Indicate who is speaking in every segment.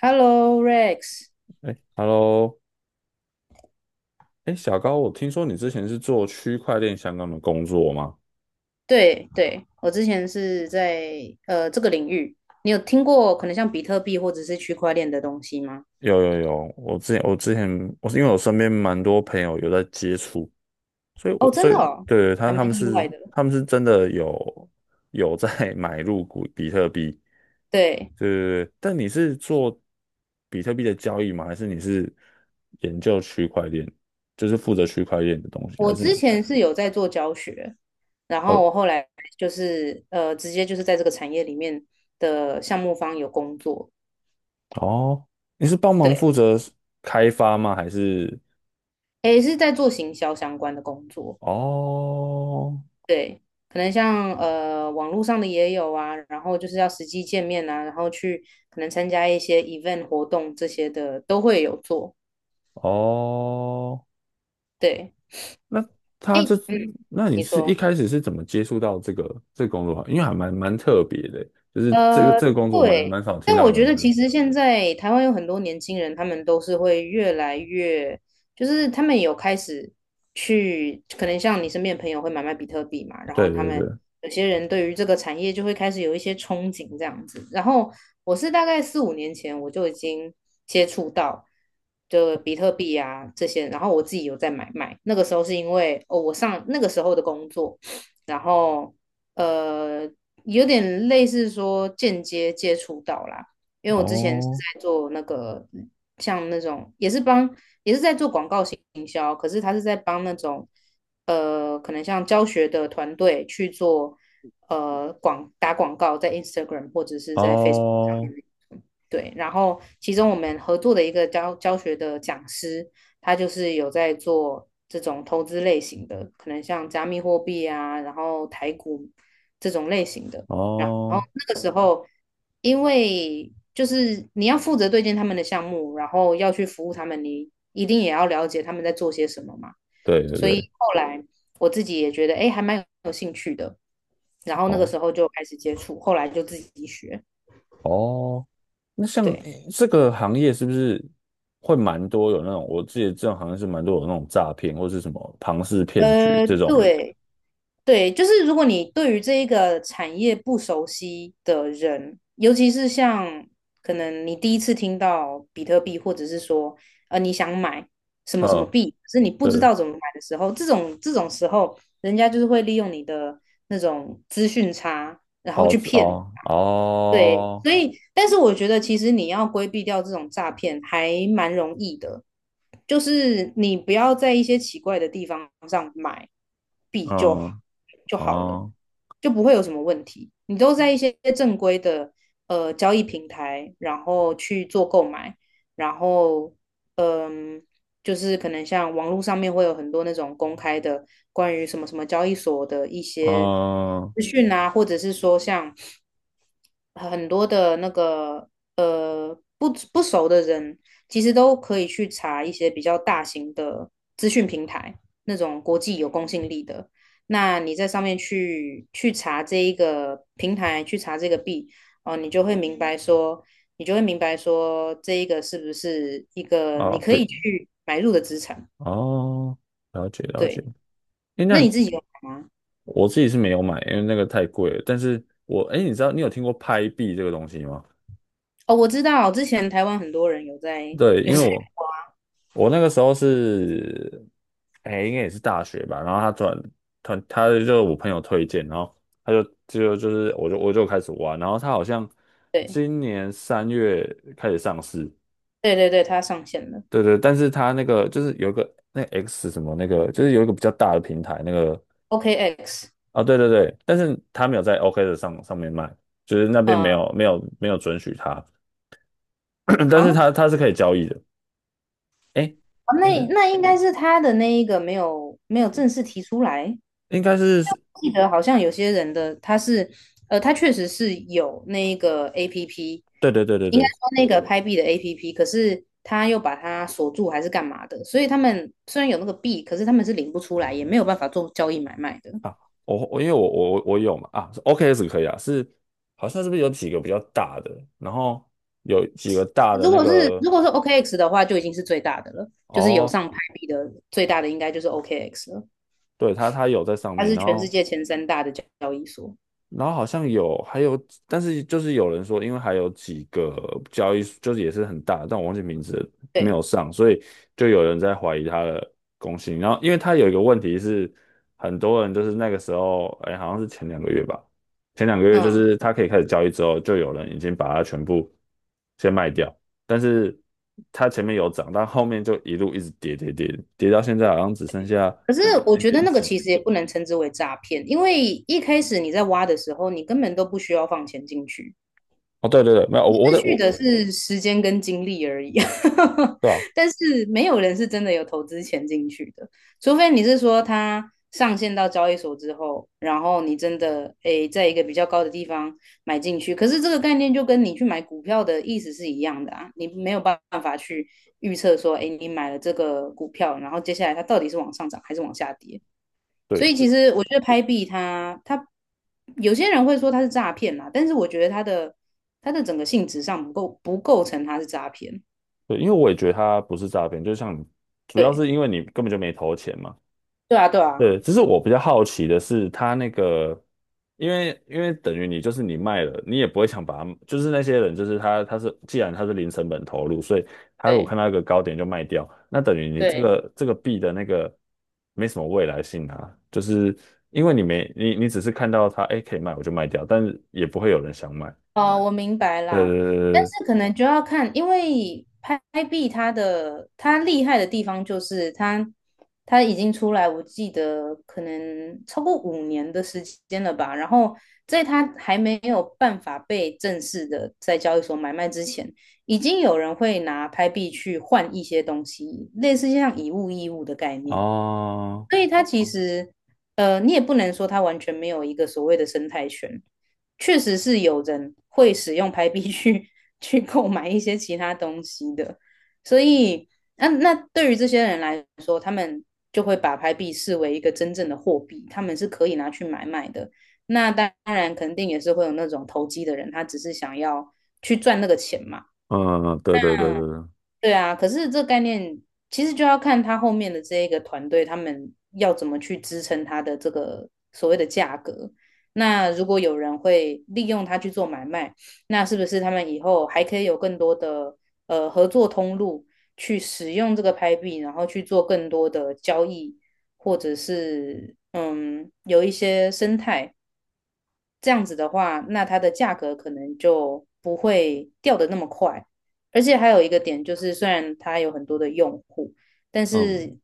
Speaker 1: Hello Rex。
Speaker 2: 哎，Hello，哎，小高，我听说你之前是做区块链相关的工作吗？
Speaker 1: 对对，我之前是在这个领域，你有听过可能像比特币或者是区块链的东西吗？
Speaker 2: 有有有，我之前我之前我是因为我身边蛮多朋友有在接触，所以
Speaker 1: 哦，
Speaker 2: 我所
Speaker 1: 真
Speaker 2: 以
Speaker 1: 的哦，
Speaker 2: 对对，
Speaker 1: 还
Speaker 2: 他他
Speaker 1: 蛮
Speaker 2: 们
Speaker 1: 意外
Speaker 2: 是
Speaker 1: 的。
Speaker 2: 他们是真的有在 买入股比特币，
Speaker 1: 对，
Speaker 2: 对对对。但你是做比特币的交易吗？还是你是研究区块链，就是负责区块链的东西？
Speaker 1: 我
Speaker 2: 还是你
Speaker 1: 之前是有在做教学，然后
Speaker 2: 哦
Speaker 1: 我后来就是直接就是在这个产业里面的项目方有工作。
Speaker 2: 哦，你是帮忙
Speaker 1: 对，
Speaker 2: 负责开发吗？还是？
Speaker 1: 诶，是在做行销相关的工作。
Speaker 2: 哦
Speaker 1: 对，可能像网络上的也有啊，然后就是要实际见面啊，然后去可能参加一些 event 活动这些的都会有做。
Speaker 2: 哦，
Speaker 1: 对，
Speaker 2: 那他这，
Speaker 1: 哎，嗯，
Speaker 2: 那你
Speaker 1: 你
Speaker 2: 是一
Speaker 1: 说。
Speaker 2: 开始是怎么接触到这个工作啊？因为还蛮特别的，就是这个
Speaker 1: 呃，
Speaker 2: 这个工作蛮
Speaker 1: 对，
Speaker 2: 蛮少听
Speaker 1: 但
Speaker 2: 到
Speaker 1: 我
Speaker 2: 有
Speaker 1: 觉
Speaker 2: 人
Speaker 1: 得
Speaker 2: 的
Speaker 1: 其实现在台湾有很多年轻人，他们都是会越来越，就是他们有开始去，可能像你身边的朋友会买卖比特币嘛，然后
Speaker 2: 对
Speaker 1: 他
Speaker 2: 对
Speaker 1: 们
Speaker 2: 对，
Speaker 1: 有些人对于这个产业就会开始有一些憧憬这样子。然后我是大概4、5年前我就已经接触到就比特币啊这些，然后我自己有在买卖。那个时候是因为哦，我上那个时候的工作，然后。呃，有点类似说间接接触到啦，因为我之前是
Speaker 2: 哦
Speaker 1: 在做那个像那种也是在做广告营销，可是他是在帮那种可能像教学的团队去做打广告在 Instagram 或者是在 Facebook上
Speaker 2: 哦
Speaker 1: 面。对，然后其中我们合作的一个教学的讲师，他就是有在做这种投资类型的，可能像加密货币啊，然后台股这种类型的。然后
Speaker 2: 哦，
Speaker 1: 之后，因为就是你要负责对接他们的项目，然后要去服务他们，你一定也要了解他们在做些什么嘛。
Speaker 2: 对对
Speaker 1: 所以
Speaker 2: 对，
Speaker 1: 后来我自己也觉得，哎，还蛮有兴趣的。然后那个
Speaker 2: 哦
Speaker 1: 时候就开始接触，后来就自己学。
Speaker 2: 哦，那像
Speaker 1: 对，
Speaker 2: 诶这个行业是不是会蛮多有那种？我记得这种行业是蛮多有那种诈骗或是什么庞氏骗局这种。
Speaker 1: 对。对，就是如果你对于这一个产业不熟悉的人，尤其是像可能你第一次听到比特币，或者是说你想买什么什么
Speaker 2: 嗯，
Speaker 1: 币，可是你不知
Speaker 2: 对。
Speaker 1: 道怎么买的时候，这种时候，人家就是会利用你的那种资讯差，然后
Speaker 2: 哦，
Speaker 1: 去骗你。
Speaker 2: 哦，
Speaker 1: 对，
Speaker 2: 哦，
Speaker 1: 所以，但是我觉得其实你要规避掉这种诈骗还蛮容易的，就是你不要在一些奇怪的地方上买币
Speaker 2: 嗯，
Speaker 1: 就好了，
Speaker 2: 哦，
Speaker 1: 就不会有什么问题。你都在一些正规的交易平台，然后去做购买，然后嗯，就是可能像网络上面会有很多那种公开的关于什么什么交易所的一些
Speaker 2: 哦，
Speaker 1: 资讯啊，或者是说像。很多的那个不熟的人，其实都可以去查一些比较大型的资讯平台，那种国际有公信力的。那你在上面去查这一个平台，去查这个币，哦，你就会明白说，这一个是不是一个你
Speaker 2: 哦，
Speaker 1: 可
Speaker 2: 对，
Speaker 1: 以去买入的资产？
Speaker 2: 哦，了解了解。
Speaker 1: 对，
Speaker 2: 诶，
Speaker 1: 那
Speaker 2: 那
Speaker 1: 你自己有买吗？
Speaker 2: 我自己是没有买，因为那个太贵了。但是我，诶，你知道你有听过拍币这个东西吗？
Speaker 1: 哦，我知道，之前台湾很多人有在
Speaker 2: 对，
Speaker 1: 有
Speaker 2: 因为
Speaker 1: 在，
Speaker 2: 我那个时候是，哎，应该也是大学吧。然后他转他他就是我朋友推荐，然后他就就就是我就我就开始玩，然后他好像
Speaker 1: 对
Speaker 2: 今年3月开始上市，
Speaker 1: 对对对，它上线了
Speaker 2: 对对，但是它那个就是有一个那个 X 什么那个，就是有一个比较大的平台那个
Speaker 1: ，OKX。
Speaker 2: 啊，对对对，但是它没有在 OK 的上面卖，就是那边
Speaker 1: 嗯
Speaker 2: 没
Speaker 1: 啊，
Speaker 2: 有没有没有准许它，但是它
Speaker 1: 啊
Speaker 2: 它是可以交易的。哎，应
Speaker 1: 那
Speaker 2: 该
Speaker 1: 那应该是他的那一个没有正式提出来。
Speaker 2: 应该是，
Speaker 1: 记得好像有些人的他是，他确实是有那一个 APP，
Speaker 2: 对对对对
Speaker 1: 应该
Speaker 2: 对
Speaker 1: 说那个拍币的 APP，可是他又把它锁住还是干嘛的，所以他们虽然有那个币，可是他们是领不出来，也没有办法做交易买卖的。
Speaker 2: 啊，我因为我有嘛啊是 OKS 可以啊，是好像是不是有几个比较大的，然后有几个大的
Speaker 1: 如
Speaker 2: 那
Speaker 1: 果是
Speaker 2: 个
Speaker 1: 如果是 OKX 的话，就已经是最大的了，就是有
Speaker 2: 哦，
Speaker 1: 上拍币的最大的应该就是 OKX 了，
Speaker 2: 对它有在上
Speaker 1: 它
Speaker 2: 面，
Speaker 1: 是
Speaker 2: 然
Speaker 1: 全世
Speaker 2: 后
Speaker 1: 界前三大的交易所。
Speaker 2: 然后好像有，还有，但是就是有人说，因为还有几个交易，就是也是很大，但我忘记名字了没有
Speaker 1: 对，
Speaker 2: 上，所以就有人在怀疑他的公信力然后，因为他有一个问题是，很多人就是那个时候，哎，好像是前两个月吧，前两个月就
Speaker 1: 嗯。
Speaker 2: 是他可以开始交易之后，就有人已经把它全部先卖掉，但是它前面有涨，但后面就一路一直跌跌跌，跌到现在好像只剩下
Speaker 1: 可是我
Speaker 2: 零
Speaker 1: 觉得
Speaker 2: 点
Speaker 1: 那个
Speaker 2: 几。
Speaker 1: 其实也不能称之为诈骗，因为一开始你在挖的时候，你根本都不需要放钱进去，
Speaker 2: 哦，对对对，没有，我
Speaker 1: 失
Speaker 2: 在
Speaker 1: 去
Speaker 2: 我
Speaker 1: 的是时间跟精力而已。
Speaker 2: 对啊。
Speaker 1: 但是没有人是真的有投资钱进去的，除非你是说他上线到交易所之后，然后你真的诶在一个比较高的地方买进去。可是这个概念就跟你去买股票的意思是一样的啊，你没有办法去预测说，诶你买了这个股票，然后接下来它到底是往上涨还是往下跌。所
Speaker 2: 对。
Speaker 1: 以其实我觉得拍币它有些人会说它是诈骗啦，但是我觉得它的整个性质上不构成它是诈骗。
Speaker 2: 对，因为我也觉得它不是诈骗，就像你主要
Speaker 1: 对
Speaker 2: 是因为你根本就没投钱嘛。
Speaker 1: 对啊，对啊，
Speaker 2: 对，只是我比较好奇的是，它那个，因为等于你就是你卖了，你也不会想把它，就是那些人，就是他他是既然他是零成本投入，所以他如果看
Speaker 1: 对
Speaker 2: 到一个高点就卖掉，那等于你这
Speaker 1: 对。
Speaker 2: 个这个币的那个没什么未来性啊，就是因为你没你你只是看到它，哎，可以卖我就卖掉，但是也不会有人想买。
Speaker 1: 哦，我明白啦，但
Speaker 2: 呃，
Speaker 1: 是可能就要看，因为拍币它厉害的地方就是它已经出来，我记得可能超过五年的时间了吧。然后在它还没有办法被正式的在交易所买卖之前，已经有人会拿拍币去换一些东西，类似像以物易物的概念。
Speaker 2: 哦，
Speaker 1: 所以它其实，你也不能说它完全没有一个所谓的生态圈，确实是有人会使用拍币去 去购买一些其他东西的，所以那对于这些人来说，他们就会把拍币视为一个真正的货币，他们是可以拿去买卖的。那当然，肯定也是会有那种投机的人，他只是想要去赚那个钱嘛。
Speaker 2: 嗯，对对对对
Speaker 1: 嗯。
Speaker 2: 对。
Speaker 1: 对啊，可是这个概念其实就要看他后面的这一个团队，他们要怎么去支撑他的这个所谓的价格。那如果有人会利用它去做买卖，那是不是他们以后还可以有更多的合作通路去使用这个拍币，然后去做更多的交易，或者是有一些生态这样子的话，那它的价格可能就不会掉的那么快。而且还有一个点就是，虽然它有很多的用户，但
Speaker 2: 嗯，
Speaker 1: 是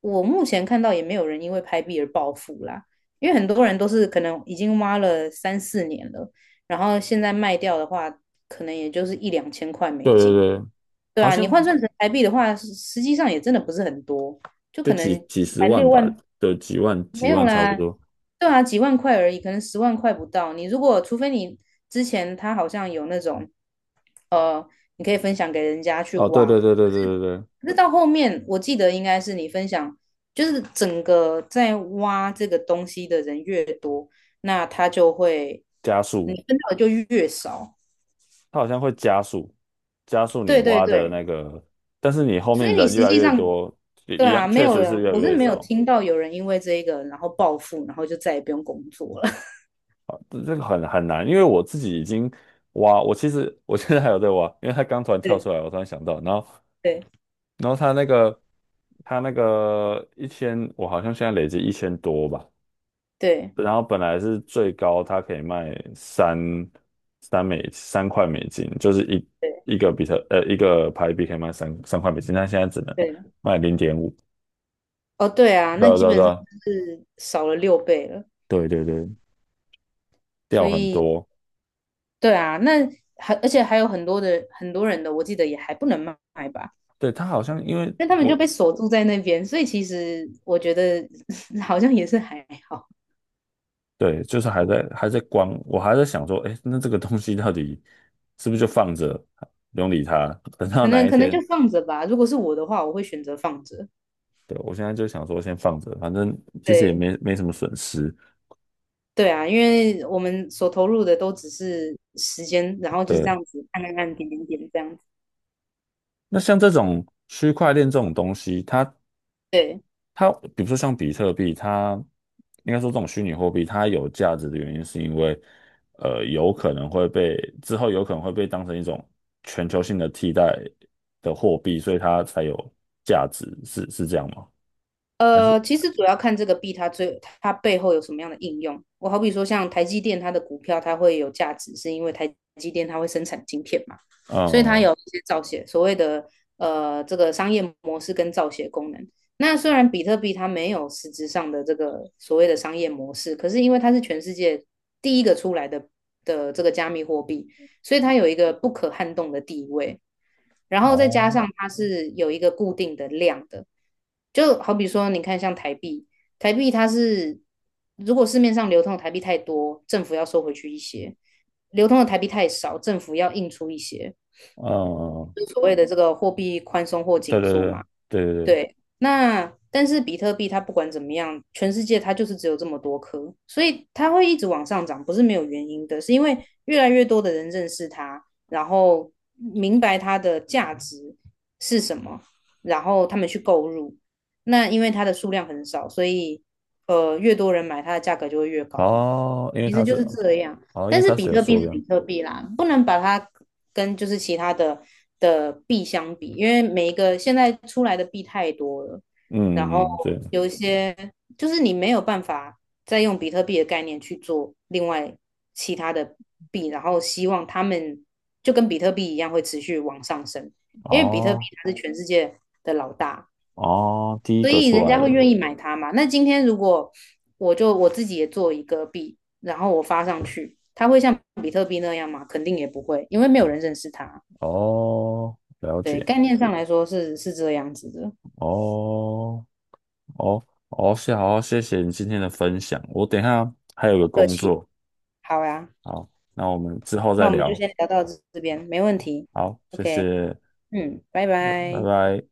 Speaker 1: 我目前看到也没有人因为拍币而暴富啦，因为很多人都是可能已经挖了3、4年了，然后现在卖掉的话，可能也就是1、2千块美
Speaker 2: 对对
Speaker 1: 金。
Speaker 2: 对，
Speaker 1: 对
Speaker 2: 好
Speaker 1: 啊，你
Speaker 2: 像
Speaker 1: 换算成台币的话，实际上也真的不是很多，就
Speaker 2: 就
Speaker 1: 可
Speaker 2: 几
Speaker 1: 能
Speaker 2: 几十
Speaker 1: 才
Speaker 2: 万
Speaker 1: 六
Speaker 2: 吧，
Speaker 1: 万
Speaker 2: 的几万
Speaker 1: 没
Speaker 2: 几
Speaker 1: 有
Speaker 2: 万差不
Speaker 1: 啦，
Speaker 2: 多。
Speaker 1: 对啊，几万块而已，可能10万块不到。你如果除非你之前他好像有那种，呃，你可以分享给人家去
Speaker 2: 哦，对
Speaker 1: 挖，
Speaker 2: 对对对对对对，
Speaker 1: 可是到后面我记得应该是你分享，就是整个在挖这个东西的人越多，那他就会
Speaker 2: 加
Speaker 1: 你
Speaker 2: 速，
Speaker 1: 分到的就越少。
Speaker 2: 它好像会加速你
Speaker 1: 对对
Speaker 2: 挖的
Speaker 1: 对，
Speaker 2: 那个，但是你后
Speaker 1: 所以
Speaker 2: 面
Speaker 1: 你
Speaker 2: 人越
Speaker 1: 实
Speaker 2: 来
Speaker 1: 际
Speaker 2: 越
Speaker 1: 上
Speaker 2: 多，也
Speaker 1: 对
Speaker 2: 一样，
Speaker 1: 啊，没
Speaker 2: 确
Speaker 1: 有
Speaker 2: 实是
Speaker 1: 人，
Speaker 2: 越来
Speaker 1: 我是
Speaker 2: 越
Speaker 1: 没有
Speaker 2: 少。
Speaker 1: 听到有人因为这一个然后暴富，然后就再也不用工作了。
Speaker 2: 这个很难，因为我自己已经挖，我其实现在还有在挖，因为它刚突然 跳
Speaker 1: 对
Speaker 2: 出来，我突然想到，然后
Speaker 1: 对
Speaker 2: 然后它那个它那个一千，我好像现在累积1000多吧。然后本来是最高它可以卖三块美金，就是
Speaker 1: 对。
Speaker 2: 一个牌币可以卖三块美金，但现在只能
Speaker 1: 对，
Speaker 2: 卖0.5。
Speaker 1: 哦，对啊，
Speaker 2: 对
Speaker 1: 那
Speaker 2: 啊
Speaker 1: 基
Speaker 2: 对啊
Speaker 1: 本
Speaker 2: 对
Speaker 1: 上
Speaker 2: 啊
Speaker 1: 是少了6倍了，
Speaker 2: 对对对，
Speaker 1: 所
Speaker 2: 掉很
Speaker 1: 以
Speaker 2: 多。
Speaker 1: 对啊，那还而且还有很多人的，我记得也还不能卖吧，
Speaker 2: 对，它好像因为
Speaker 1: 那他们
Speaker 2: 我
Speaker 1: 就被锁住在那边，所以其实我觉得 好像也是还好，
Speaker 2: 对，就是还在观，我还在想说，哎，那这个东西到底是不是就放着，不用理它，等到
Speaker 1: 可
Speaker 2: 哪
Speaker 1: 能
Speaker 2: 一
Speaker 1: 可能就
Speaker 2: 天？
Speaker 1: 放着吧。如果是我的话，我会选择放着。
Speaker 2: 对，我现在就想说先放着，反正其实也
Speaker 1: 对
Speaker 2: 没什么损失。
Speaker 1: 对啊，因为我们所投入的都只是时间，然后就是这
Speaker 2: 对，
Speaker 1: 样子按按按点点点这样子。
Speaker 2: 那像这种区块链这种东西，它
Speaker 1: 对。
Speaker 2: 它比如说像比特币，它应该说这种虚拟货币，它有价值的原因是因为，有可能会被之后有可能会被当成一种全球性的替代的货币，所以它才有价值，是这样吗？还是
Speaker 1: 其实主要看这个币它最它背后有什么样的应用。我好比说像台积电，它的股票它会有价值，是因为台积电它会生产晶片嘛，所以它
Speaker 2: 呃
Speaker 1: 有一些造血所谓的这个商业模式跟造血功能。那虽然比特币它没有实质上的这个所谓的商业模式，可是因为它是全世界第一个出来的这个加密货币，所以它有一个不可撼动的地位。然后再加
Speaker 2: 哦
Speaker 1: 上它是有一个固定的量的，就好比说，你看像台币，台币它是如果市面上流通的台币太多，政府要收回去一些；流通的台币太少，政府要印出一些。
Speaker 2: 呃
Speaker 1: 所谓的这个货币宽松或
Speaker 2: 对对
Speaker 1: 紧
Speaker 2: 对
Speaker 1: 缩
Speaker 2: 对
Speaker 1: 嘛。
Speaker 2: 对对
Speaker 1: 对，那但是比特币它不管怎么样，全世界它就是只有这么多颗，所以它会一直往上涨，不是没有原因的，是因为越来越多的人认识它，然后明白它的价值是什么，然后他们去购入。那因为它的数量很少，所以越多人买，它的价格就会越高嘛。
Speaker 2: 哦，因为
Speaker 1: 其实
Speaker 2: 它
Speaker 1: 就
Speaker 2: 是
Speaker 1: 是这样。
Speaker 2: 哦，因为
Speaker 1: 但是
Speaker 2: 它
Speaker 1: 比
Speaker 2: 是有
Speaker 1: 特币
Speaker 2: 数
Speaker 1: 是
Speaker 2: 量，
Speaker 1: 比特币啦，不能把它跟就是其他的币相比，因为每一个现在出来的币太多了，然后
Speaker 2: 嗯嗯嗯对
Speaker 1: 有一些就是你没有办法再用比特币的概念去做另外其他的币，然后希望他们就跟比特币一样会持续往上升，因为比特币
Speaker 2: 哦
Speaker 1: 它是全世界的老大。
Speaker 2: 哦，第一
Speaker 1: 所
Speaker 2: 个
Speaker 1: 以
Speaker 2: 出
Speaker 1: 人
Speaker 2: 来
Speaker 1: 家会
Speaker 2: 的。
Speaker 1: 愿意买它嘛。那今天如果我自己也做一个币，然后我发上去，它会像比特币那样吗？肯定也不会，因为没有人认识它。
Speaker 2: 哦，了
Speaker 1: 对，
Speaker 2: 解，
Speaker 1: 概念上来说是这样子的。
Speaker 2: 哦，哦，哦，好，谢谢你今天的分享。我等一下还有个
Speaker 1: 不客
Speaker 2: 工
Speaker 1: 气，
Speaker 2: 作，
Speaker 1: 好呀，
Speaker 2: 好，那我们之后
Speaker 1: 那
Speaker 2: 再
Speaker 1: 我们就
Speaker 2: 聊。
Speaker 1: 先聊到这边，没问题。
Speaker 2: 好，谢
Speaker 1: OK，
Speaker 2: 谢，
Speaker 1: 嗯，拜
Speaker 2: 拜
Speaker 1: 拜。
Speaker 2: 拜。